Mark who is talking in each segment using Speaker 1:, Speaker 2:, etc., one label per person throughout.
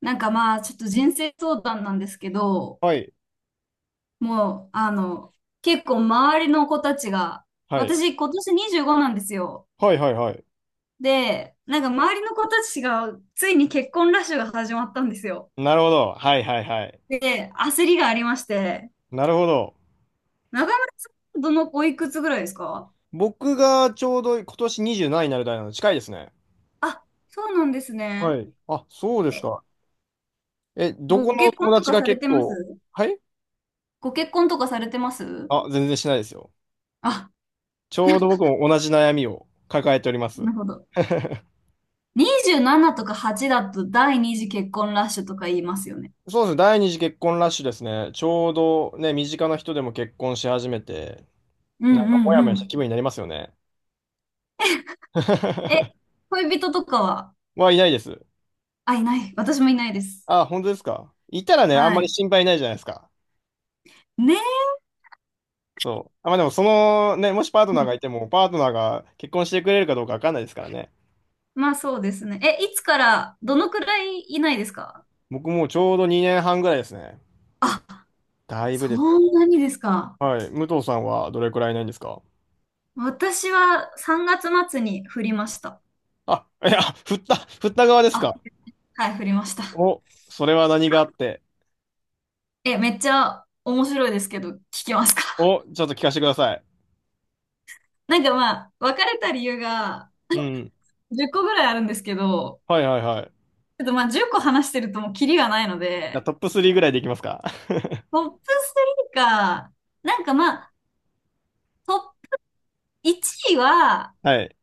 Speaker 1: なんかまあ、ちょっと人生相談なんですけど、
Speaker 2: はい、
Speaker 1: もう、結構周りの子たちが、
Speaker 2: はい、
Speaker 1: 私今年25なんですよ。
Speaker 2: はい、はい、はい。
Speaker 1: で、なんか周りの子たちが、ついに結婚ラッシュが始まったんですよ。
Speaker 2: なるほど。はい、はい、はい。
Speaker 1: で、焦りがありまして、
Speaker 2: なるほど。
Speaker 1: 中村さん、おいくつぐらいですか？
Speaker 2: 僕がちょうど今年27になる代なので近いですね。
Speaker 1: あ、そうなんです
Speaker 2: は
Speaker 1: ね。
Speaker 2: い。あ、そうです
Speaker 1: え、
Speaker 2: か。え、ど
Speaker 1: ご
Speaker 2: この
Speaker 1: 結婚
Speaker 2: 友
Speaker 1: と
Speaker 2: 達
Speaker 1: か
Speaker 2: が
Speaker 1: され
Speaker 2: 結
Speaker 1: てま
Speaker 2: 構、
Speaker 1: す
Speaker 2: はい。
Speaker 1: ご結婚とかされてます
Speaker 2: あ、全然しないですよ。
Speaker 1: あ、
Speaker 2: ちょうど僕も同じ悩みを抱えております。
Speaker 1: なるほど。27とか8だと第二次結婚ラッシュとか言いますよね。
Speaker 2: そうですね。第二次結婚ラッシュですね。ちょうどね、身近な人でも結婚し始めて、
Speaker 1: うんう
Speaker 2: なんかモヤモ
Speaker 1: んう
Speaker 2: ヤした
Speaker 1: ん。
Speaker 2: 気分になりますよね。
Speaker 1: え、恋人とかは、
Speaker 2: はいないです。
Speaker 1: あ、いない。私もいないです。
Speaker 2: あ、本当ですか。いたらね、あん
Speaker 1: は
Speaker 2: まり
Speaker 1: い。
Speaker 2: 心配ないじゃないですか。
Speaker 1: ね
Speaker 2: そう。あ、まあでも、そのね、もしパートナー
Speaker 1: え。
Speaker 2: がいても、パートナーが結婚してくれるかどうかわかんないですからね。
Speaker 1: まあそうですね。え、いつから、どのくらいいないですか？
Speaker 2: 僕もうちょうど2年半ぐらいですね。
Speaker 1: あ、
Speaker 2: だいぶ
Speaker 1: そ
Speaker 2: ですよ。
Speaker 1: んなにですか。
Speaker 2: はい。武藤さんはどれくらいないんですか？
Speaker 1: 私は3月末に振りました。
Speaker 2: あ、いや、振った側です
Speaker 1: あ、
Speaker 2: か？
Speaker 1: はい、振りました。
Speaker 2: お、それは何があって。
Speaker 1: え、めっちゃ面白いですけど、聞きますか？
Speaker 2: お、ちょっと聞かせてください。
Speaker 1: なんかまあ、別れた理由が
Speaker 2: うん。
Speaker 1: 10個ぐらいあるんですけど、
Speaker 2: はいはいはい。じ
Speaker 1: ちょっとまあ10個話してるともうキリがないの
Speaker 2: ゃあ
Speaker 1: で、
Speaker 2: トップ3ぐらいでいきますか？
Speaker 1: ト ップ3か、なんかまあ、トッ1位は、
Speaker 2: はい。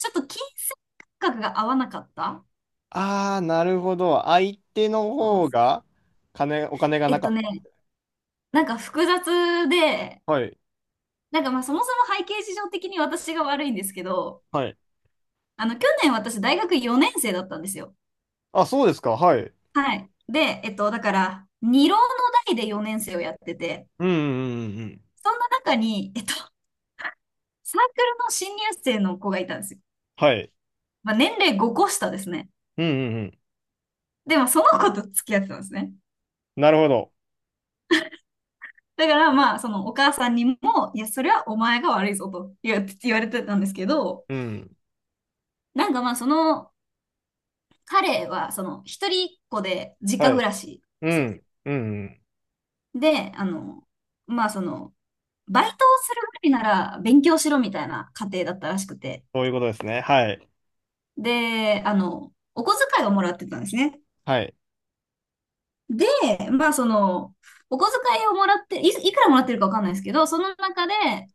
Speaker 1: ちょっと金銭感覚が合わなかった。
Speaker 2: あー、なるほど。相手の
Speaker 1: そう。
Speaker 2: 方が、お金が
Speaker 1: え
Speaker 2: な
Speaker 1: っと
Speaker 2: か
Speaker 1: ね、
Speaker 2: っ
Speaker 1: なんか複雑で、
Speaker 2: た。はい。
Speaker 1: なんかまあそもそも背景事情的に私が悪いんですけど、
Speaker 2: はい。
Speaker 1: 去年私大学4年生だったんですよ。
Speaker 2: あ、そうですか。はい。
Speaker 1: はい。で、だから、二浪の代で4年生をやってて、
Speaker 2: うんうんうんうん。
Speaker 1: そんな中に、サークルの新入生の子がいたんですよ。
Speaker 2: はい。
Speaker 1: まあ年齢5個下ですね。
Speaker 2: うんうんうん。
Speaker 1: でもその子と付き合ってたんですね。
Speaker 2: なるほど。
Speaker 1: だからまあ、そのお母さんにも、いや、それはお前が悪いぞと言われてたんですけど、
Speaker 2: うん。
Speaker 1: なんかまあ、その彼は、その一人っ子で実家
Speaker 2: は
Speaker 1: 暮
Speaker 2: い。
Speaker 1: らし
Speaker 2: う
Speaker 1: ですよ。
Speaker 2: ん。うんうん。
Speaker 1: で、まあその、バイトをするぐらいなら勉強しろみたいな家庭だったらしくて。
Speaker 2: そういうことですね。はい。
Speaker 1: で、お小遣いをもらってたんですね。
Speaker 2: はい。
Speaker 1: で、まあその、お小遣いをもらって、いくらもらってるかわかんないですけど、その中で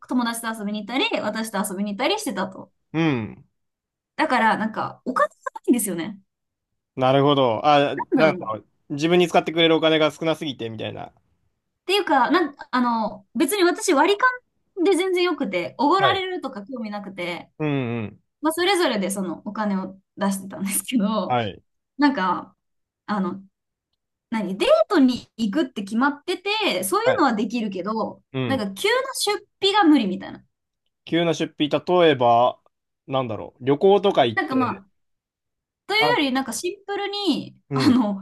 Speaker 1: 友達と遊びに行ったり、私と遊びに行ったりしてたと。
Speaker 2: うん。
Speaker 1: だから、なんか、お金がないんですよね。
Speaker 2: なるほど。あ、
Speaker 1: なん
Speaker 2: な
Speaker 1: だ
Speaker 2: ん
Speaker 1: ろうな。っ
Speaker 2: か、自分に使ってくれるお金が少なすぎて、みたいな。
Speaker 1: ていうか、なん、あの、別に私割り勘で全然よくて、おご
Speaker 2: は
Speaker 1: ら
Speaker 2: い。
Speaker 1: れるとか興味なくて、
Speaker 2: うんうん。
Speaker 1: まあ、それぞれでそのお金を出してたんですけど、
Speaker 2: はい。
Speaker 1: なんか、あの、何、デートに行くって決まってて、そうい
Speaker 2: は
Speaker 1: うの
Speaker 2: い。
Speaker 1: はできるけど、
Speaker 2: う
Speaker 1: なん
Speaker 2: ん。
Speaker 1: か急な出費が無理みたいな。
Speaker 2: 急な出費、例えば、なんだろう。旅行とか行っ
Speaker 1: なんかま
Speaker 2: て、
Speaker 1: あ、というよ
Speaker 2: あ、
Speaker 1: り、なんかシンプルに、
Speaker 2: うん。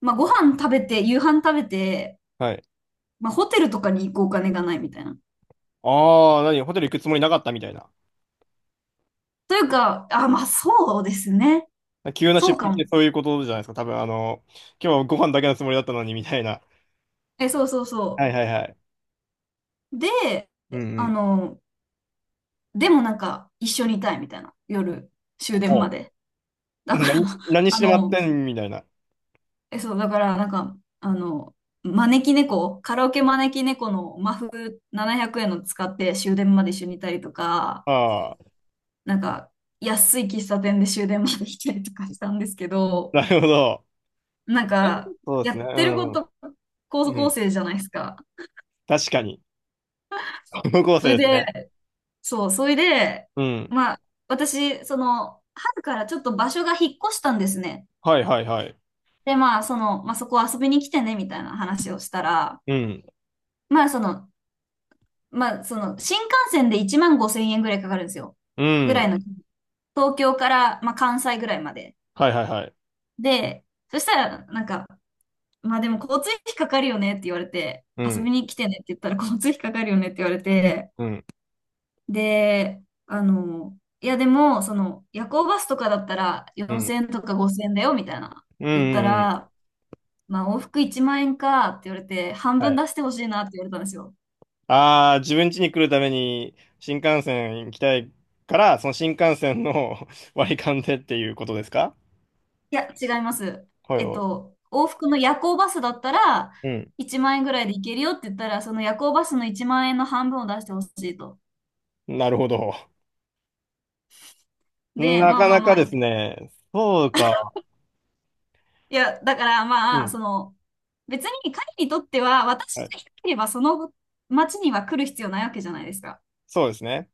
Speaker 1: まあ、ご飯食べて、夕飯食べて、
Speaker 2: はい。
Speaker 1: まあ、ホテルとかに行くお金がないみたいな。
Speaker 2: ああ、何、ホテル行くつもりなかったみたいな。
Speaker 1: というか、あ、まあそうですね。
Speaker 2: 急な
Speaker 1: そう
Speaker 2: 出
Speaker 1: か
Speaker 2: 費っ
Speaker 1: も。
Speaker 2: てそういうことじゃないですか。多分、今日はご飯だけのつもりだったのに、みたいな。
Speaker 1: え、そうそう
Speaker 2: は
Speaker 1: そ
Speaker 2: いはいはい。
Speaker 1: う。で、
Speaker 2: うんう
Speaker 1: あ
Speaker 2: ん。
Speaker 1: の、でもなんか一緒にいたいみたいな。夜、終電
Speaker 2: お、
Speaker 1: まで。だから、
Speaker 2: 何、何し
Speaker 1: あ
Speaker 2: てまっ
Speaker 1: の、
Speaker 2: てんみたいな。
Speaker 1: え、そう、だからなんか、あの、招き猫、カラオケ招き猫のマフ700円の使って終電まで一緒にいたりとか、
Speaker 2: ああ、
Speaker 1: なんか安い喫茶店で終電まで来たりとかしたんですけど、
Speaker 2: なるほど。
Speaker 1: なんか
Speaker 2: そうで
Speaker 1: や
Speaker 2: す
Speaker 1: っ
Speaker 2: ね。う
Speaker 1: てるこ
Speaker 2: ん。
Speaker 1: と高
Speaker 2: う
Speaker 1: 校
Speaker 2: ん。
Speaker 1: 生じゃないですか。
Speaker 2: 確かに。高校
Speaker 1: そ
Speaker 2: 生
Speaker 1: れ
Speaker 2: です
Speaker 1: で、
Speaker 2: ね。
Speaker 1: そう、それで、
Speaker 2: うん。
Speaker 1: まあ、私、その、春からちょっと場所が引っ越したんですね。
Speaker 2: はいはいはい。
Speaker 1: で、まあ、その、まあ、そこ遊びに来てね、みたいな話をしたら、
Speaker 2: うん。
Speaker 1: まあ、その、新幹線で1万5千円ぐらいかかるんですよ。
Speaker 2: う
Speaker 1: ぐらい
Speaker 2: ん。
Speaker 1: の、東京から、まあ、関西ぐらいまで。
Speaker 2: はいはいはい。
Speaker 1: で、そしたら、なんか、まあ、でも交通費かかるよねって言われて、
Speaker 2: う
Speaker 1: 遊
Speaker 2: ん。
Speaker 1: びに来てねって言ったら交通費かかるよねって言われて、
Speaker 2: うん。
Speaker 1: で、いやでも、その、夜行バスとかだったら
Speaker 2: うん。
Speaker 1: 4000円とか5000円だよみたいな
Speaker 2: うん。
Speaker 1: 言った
Speaker 2: うん。
Speaker 1: ら、まあ往復1万円かって言われて、半
Speaker 2: は
Speaker 1: 分
Speaker 2: い。
Speaker 1: 出してほしいなって言われたんですよ。
Speaker 2: ああ、自分家に来るために新幹線行きたいから、その新幹線の 割り勘でっていうことですか？
Speaker 1: いや、違います。
Speaker 2: はいは
Speaker 1: 往復の夜行バスだったら
Speaker 2: い。
Speaker 1: 1万円ぐらいで行けるよって言ったら、その夜行バスの1万円の半分を出してほしいと。
Speaker 2: うん。なるほど。
Speaker 1: で、
Speaker 2: な
Speaker 1: まあ
Speaker 2: か
Speaker 1: ま
Speaker 2: な
Speaker 1: あま
Speaker 2: か
Speaker 1: あ、
Speaker 2: です
Speaker 1: い
Speaker 2: ね。そうか。
Speaker 1: や、だから
Speaker 2: う
Speaker 1: まあ、
Speaker 2: ん。
Speaker 1: その、別に彼にとっては、
Speaker 2: は
Speaker 1: 私
Speaker 2: い。
Speaker 1: がいなければその町には来る必要ないわけじゃないですか。
Speaker 2: そうですね。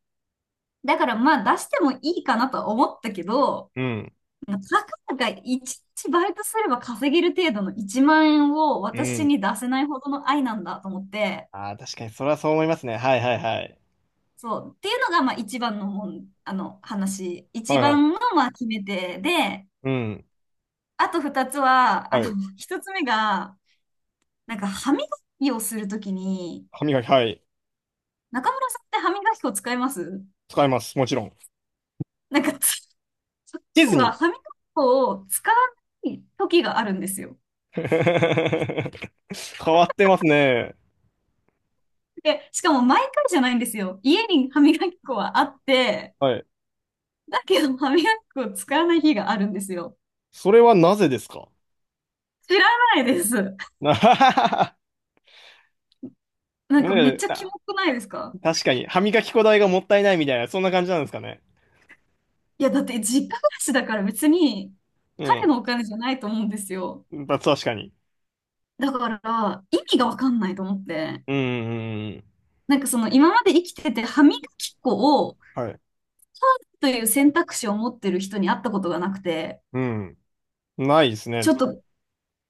Speaker 1: だからまあ出してもいいかなとは思ったけど、
Speaker 2: うん。
Speaker 1: たかが1日バイトすれば稼げる程度の1万円を
Speaker 2: う
Speaker 1: 私
Speaker 2: ん。
Speaker 1: に出せないほどの愛なんだと思って、
Speaker 2: ああ、確かに、それはそう思いますね。はいはいはい。
Speaker 1: そう。っていうのがまあ一番のもん、あの話。一
Speaker 2: はいはい。
Speaker 1: 番のまあ決め手で、
Speaker 2: うん。
Speaker 1: あと二つは、
Speaker 2: はい。
Speaker 1: 一つ目が、なんか歯磨きをするときに、
Speaker 2: 歯磨き、はい。
Speaker 1: 中村さんって歯磨き粉使います
Speaker 2: 使います。もちろん。
Speaker 1: なんかつ、そ
Speaker 2: ディズ
Speaker 1: こは
Speaker 2: ニ
Speaker 1: 歯磨き粉を使わない時があるんですよ。
Speaker 2: ー。変わってますね。
Speaker 1: で、しかも毎回じゃないんですよ。家に歯磨き粉はあって、
Speaker 2: はい。
Speaker 1: だけど歯磨き粉を使わない日があるんですよ。
Speaker 2: それはなぜですか？
Speaker 1: 知らないです。
Speaker 2: ね
Speaker 1: なんかめっ
Speaker 2: え、
Speaker 1: ちゃキ
Speaker 2: あ、
Speaker 1: モくないですか？
Speaker 2: 確かに。歯磨き粉代がもったいないみたいな、そんな感じなんですかね。
Speaker 1: いや、だって実家暮らしだから別に彼
Speaker 2: う
Speaker 1: のお金じゃないと思うんですよ。
Speaker 2: ん。確かに。
Speaker 1: だから意味がわかんないと思って。
Speaker 2: うんうんうんうん。
Speaker 1: なんかその今まで生きてて歯磨き粉を
Speaker 2: はい。
Speaker 1: という選択肢を持ってる人に会ったことがなくて、
Speaker 2: うん。ないです
Speaker 1: ち
Speaker 2: ね。
Speaker 1: ょっと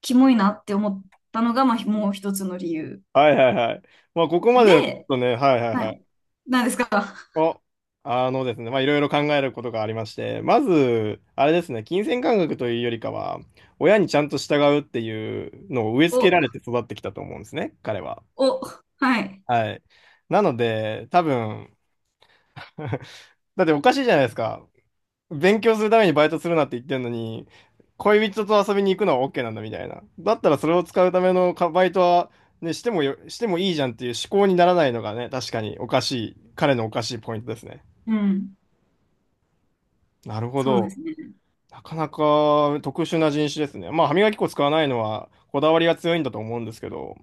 Speaker 1: キモいなって思ったのが、まあ、もう一つの理由。
Speaker 2: はいはいはい。まあ、ここまではちょっ
Speaker 1: で、
Speaker 2: とね、はいはい
Speaker 1: は
Speaker 2: は
Speaker 1: い。
Speaker 2: い。
Speaker 1: なんですか？
Speaker 2: お、あのですね、まあ、いろいろ考えることがありまして、まず、あれですね、金銭感覚というよりかは、親にちゃんと従うっていうのを植え付けられ
Speaker 1: お、
Speaker 2: て育ってきたと思うんですね、彼は。
Speaker 1: お、はい。
Speaker 2: はい。なので、多分 だっておかしいじゃないですか。勉強するためにバイトするなって言ってるのに、恋人と遊びに行くのは OK なんだみたいな。だったらそれを使うためのかバイトは、ね、してもいいじゃんっていう思考にならないのがね、確かにおかしい、彼のおかしいポイントですね。
Speaker 1: うん。
Speaker 2: なるほ
Speaker 1: そうで
Speaker 2: ど。
Speaker 1: すね。
Speaker 2: なかなか特殊な人種ですね。まあ、歯磨き粉使わないのはこだわりが強いんだと思うんですけど、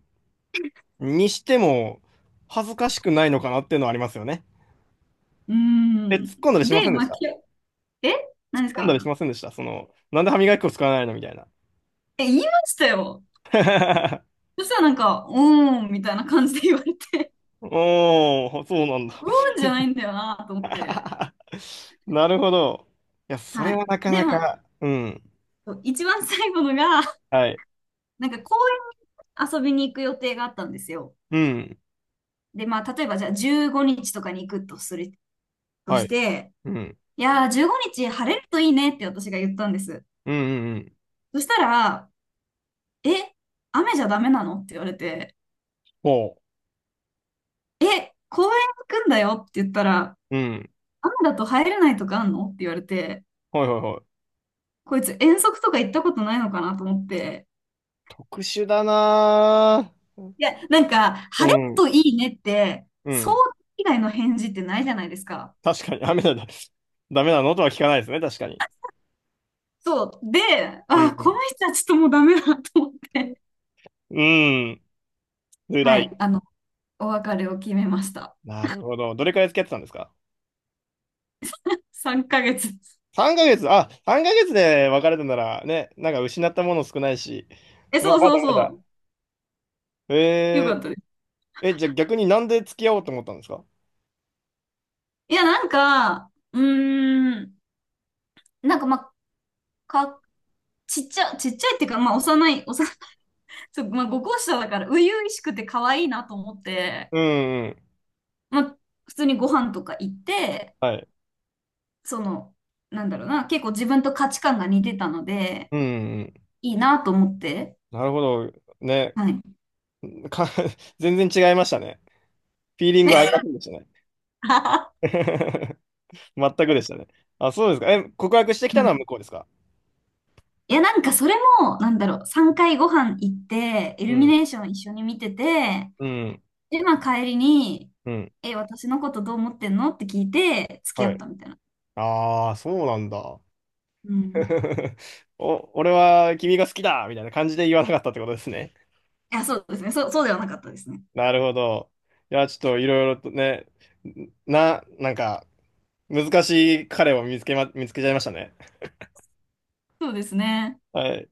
Speaker 2: にしても恥ずかしくないのかなっていうのはありますよね。
Speaker 1: う
Speaker 2: え、
Speaker 1: ん。
Speaker 2: 突っ込んだりしませ
Speaker 1: で、
Speaker 2: んで
Speaker 1: ま
Speaker 2: し
Speaker 1: あ、
Speaker 2: た？突っ
Speaker 1: え何です
Speaker 2: 込んだり
Speaker 1: か？
Speaker 2: しませんでしたその、なんで歯磨き粉使わないのみたいな。
Speaker 1: 言いましたよ。そしたらなんか、うーん、みたいな感じで言われて、
Speaker 2: おー、そうなんだ。
Speaker 1: うーんじゃないんだよなと思って。
Speaker 2: なるほど。いや、そ
Speaker 1: は
Speaker 2: れ
Speaker 1: い。
Speaker 2: はなかな
Speaker 1: で、まあ、
Speaker 2: か、うん。
Speaker 1: そう一番最後のが、
Speaker 2: はい。
Speaker 1: なんか公園に遊びに行く予定があったんですよ。
Speaker 2: うん。
Speaker 1: で、まあ、例えばじゃあ15日とかに行くとする、と
Speaker 2: は
Speaker 1: し
Speaker 2: い。
Speaker 1: て、
Speaker 2: うん。
Speaker 1: いやー、15日晴れるといいねって私が言ったんです。
Speaker 2: うん、うん、うん。
Speaker 1: そしたら、え、雨じゃダメなのって言われて、
Speaker 2: ほ
Speaker 1: 公園行くんだよって言ったら、
Speaker 2: う。うん。
Speaker 1: 雨だと入れないとかあんのって言われて、
Speaker 2: はい、はい、はい。
Speaker 1: こいつ遠足とか行ったことないのかなと思って。
Speaker 2: 特殊だな
Speaker 1: いや、なんか、
Speaker 2: ぁ。う
Speaker 1: 晴れる
Speaker 2: ん。
Speaker 1: といいねって、
Speaker 2: う
Speaker 1: そう
Speaker 2: ん。
Speaker 1: 以外の返事ってないじゃないですか。
Speaker 2: 確かに、ダメだ、ダメなのとは聞かないですね、確かに。
Speaker 1: そう。で、
Speaker 2: う
Speaker 1: あ、この
Speaker 2: ん。
Speaker 1: 人はちょっともうダメだなと思って。
Speaker 2: うん。辛
Speaker 1: は
Speaker 2: い。
Speaker 1: い、お別れを決めました。
Speaker 2: なるほど。どれくらい付き合ってたんですか
Speaker 1: 3ヶ月。
Speaker 2: ?3 ヶ月、あ、3ヶ月で別れたなら、ね、なんか失ったもの少ないし。
Speaker 1: え、
Speaker 2: まあ、
Speaker 1: そう
Speaker 2: ま
Speaker 1: そ
Speaker 2: だ
Speaker 1: う
Speaker 2: まだ。
Speaker 1: そう。よ
Speaker 2: え
Speaker 1: かっ
Speaker 2: ー、
Speaker 1: たです。
Speaker 2: え、じゃあ逆になんで付き合おうと思ったんですか？
Speaker 1: いや、なんか、うーん、なんかまあ、か、ちっちゃ、ちっちゃいっていうか、まあ、幼い、幼いそう、まあ、5校舎だから、初々しくて可愛いなと思って、
Speaker 2: うんうん。
Speaker 1: まあ、普通にご飯とか行って、
Speaker 2: はい。
Speaker 1: その、なんだろうな、結構自分と価値観が似てたので、
Speaker 2: うんうん。
Speaker 1: いいなと思って、
Speaker 2: なるほど。ね。
Speaker 1: はい。
Speaker 2: か、全然違いましたね。フィーリングありませんでしたね。全くでしたね。あ、そうですか。え、告白してきた
Speaker 1: は
Speaker 2: の
Speaker 1: い。
Speaker 2: は向こうですか？
Speaker 1: いや、なんかそれも、なんだろう、3回ご飯行って、イ
Speaker 2: う
Speaker 1: ルミ
Speaker 2: ん。
Speaker 1: ネーション一緒に見てて、
Speaker 2: うん、
Speaker 1: で、まあ帰りに、
Speaker 2: うん、
Speaker 1: 私のことどう思ってんのって聞いて、付き合
Speaker 2: は
Speaker 1: っ
Speaker 2: い。
Speaker 1: たみたいな。
Speaker 2: ああ、そうなんだ。
Speaker 1: うん。
Speaker 2: お、俺は君が好きだみたいな感じで言わなかったってことですね。
Speaker 1: いや、そうですね。そうではなかったですね。
Speaker 2: なるほど。いや、ちょっといろいろとね、なんか、難しい彼を見つけちゃいましたね。
Speaker 1: そうですね。
Speaker 2: はい。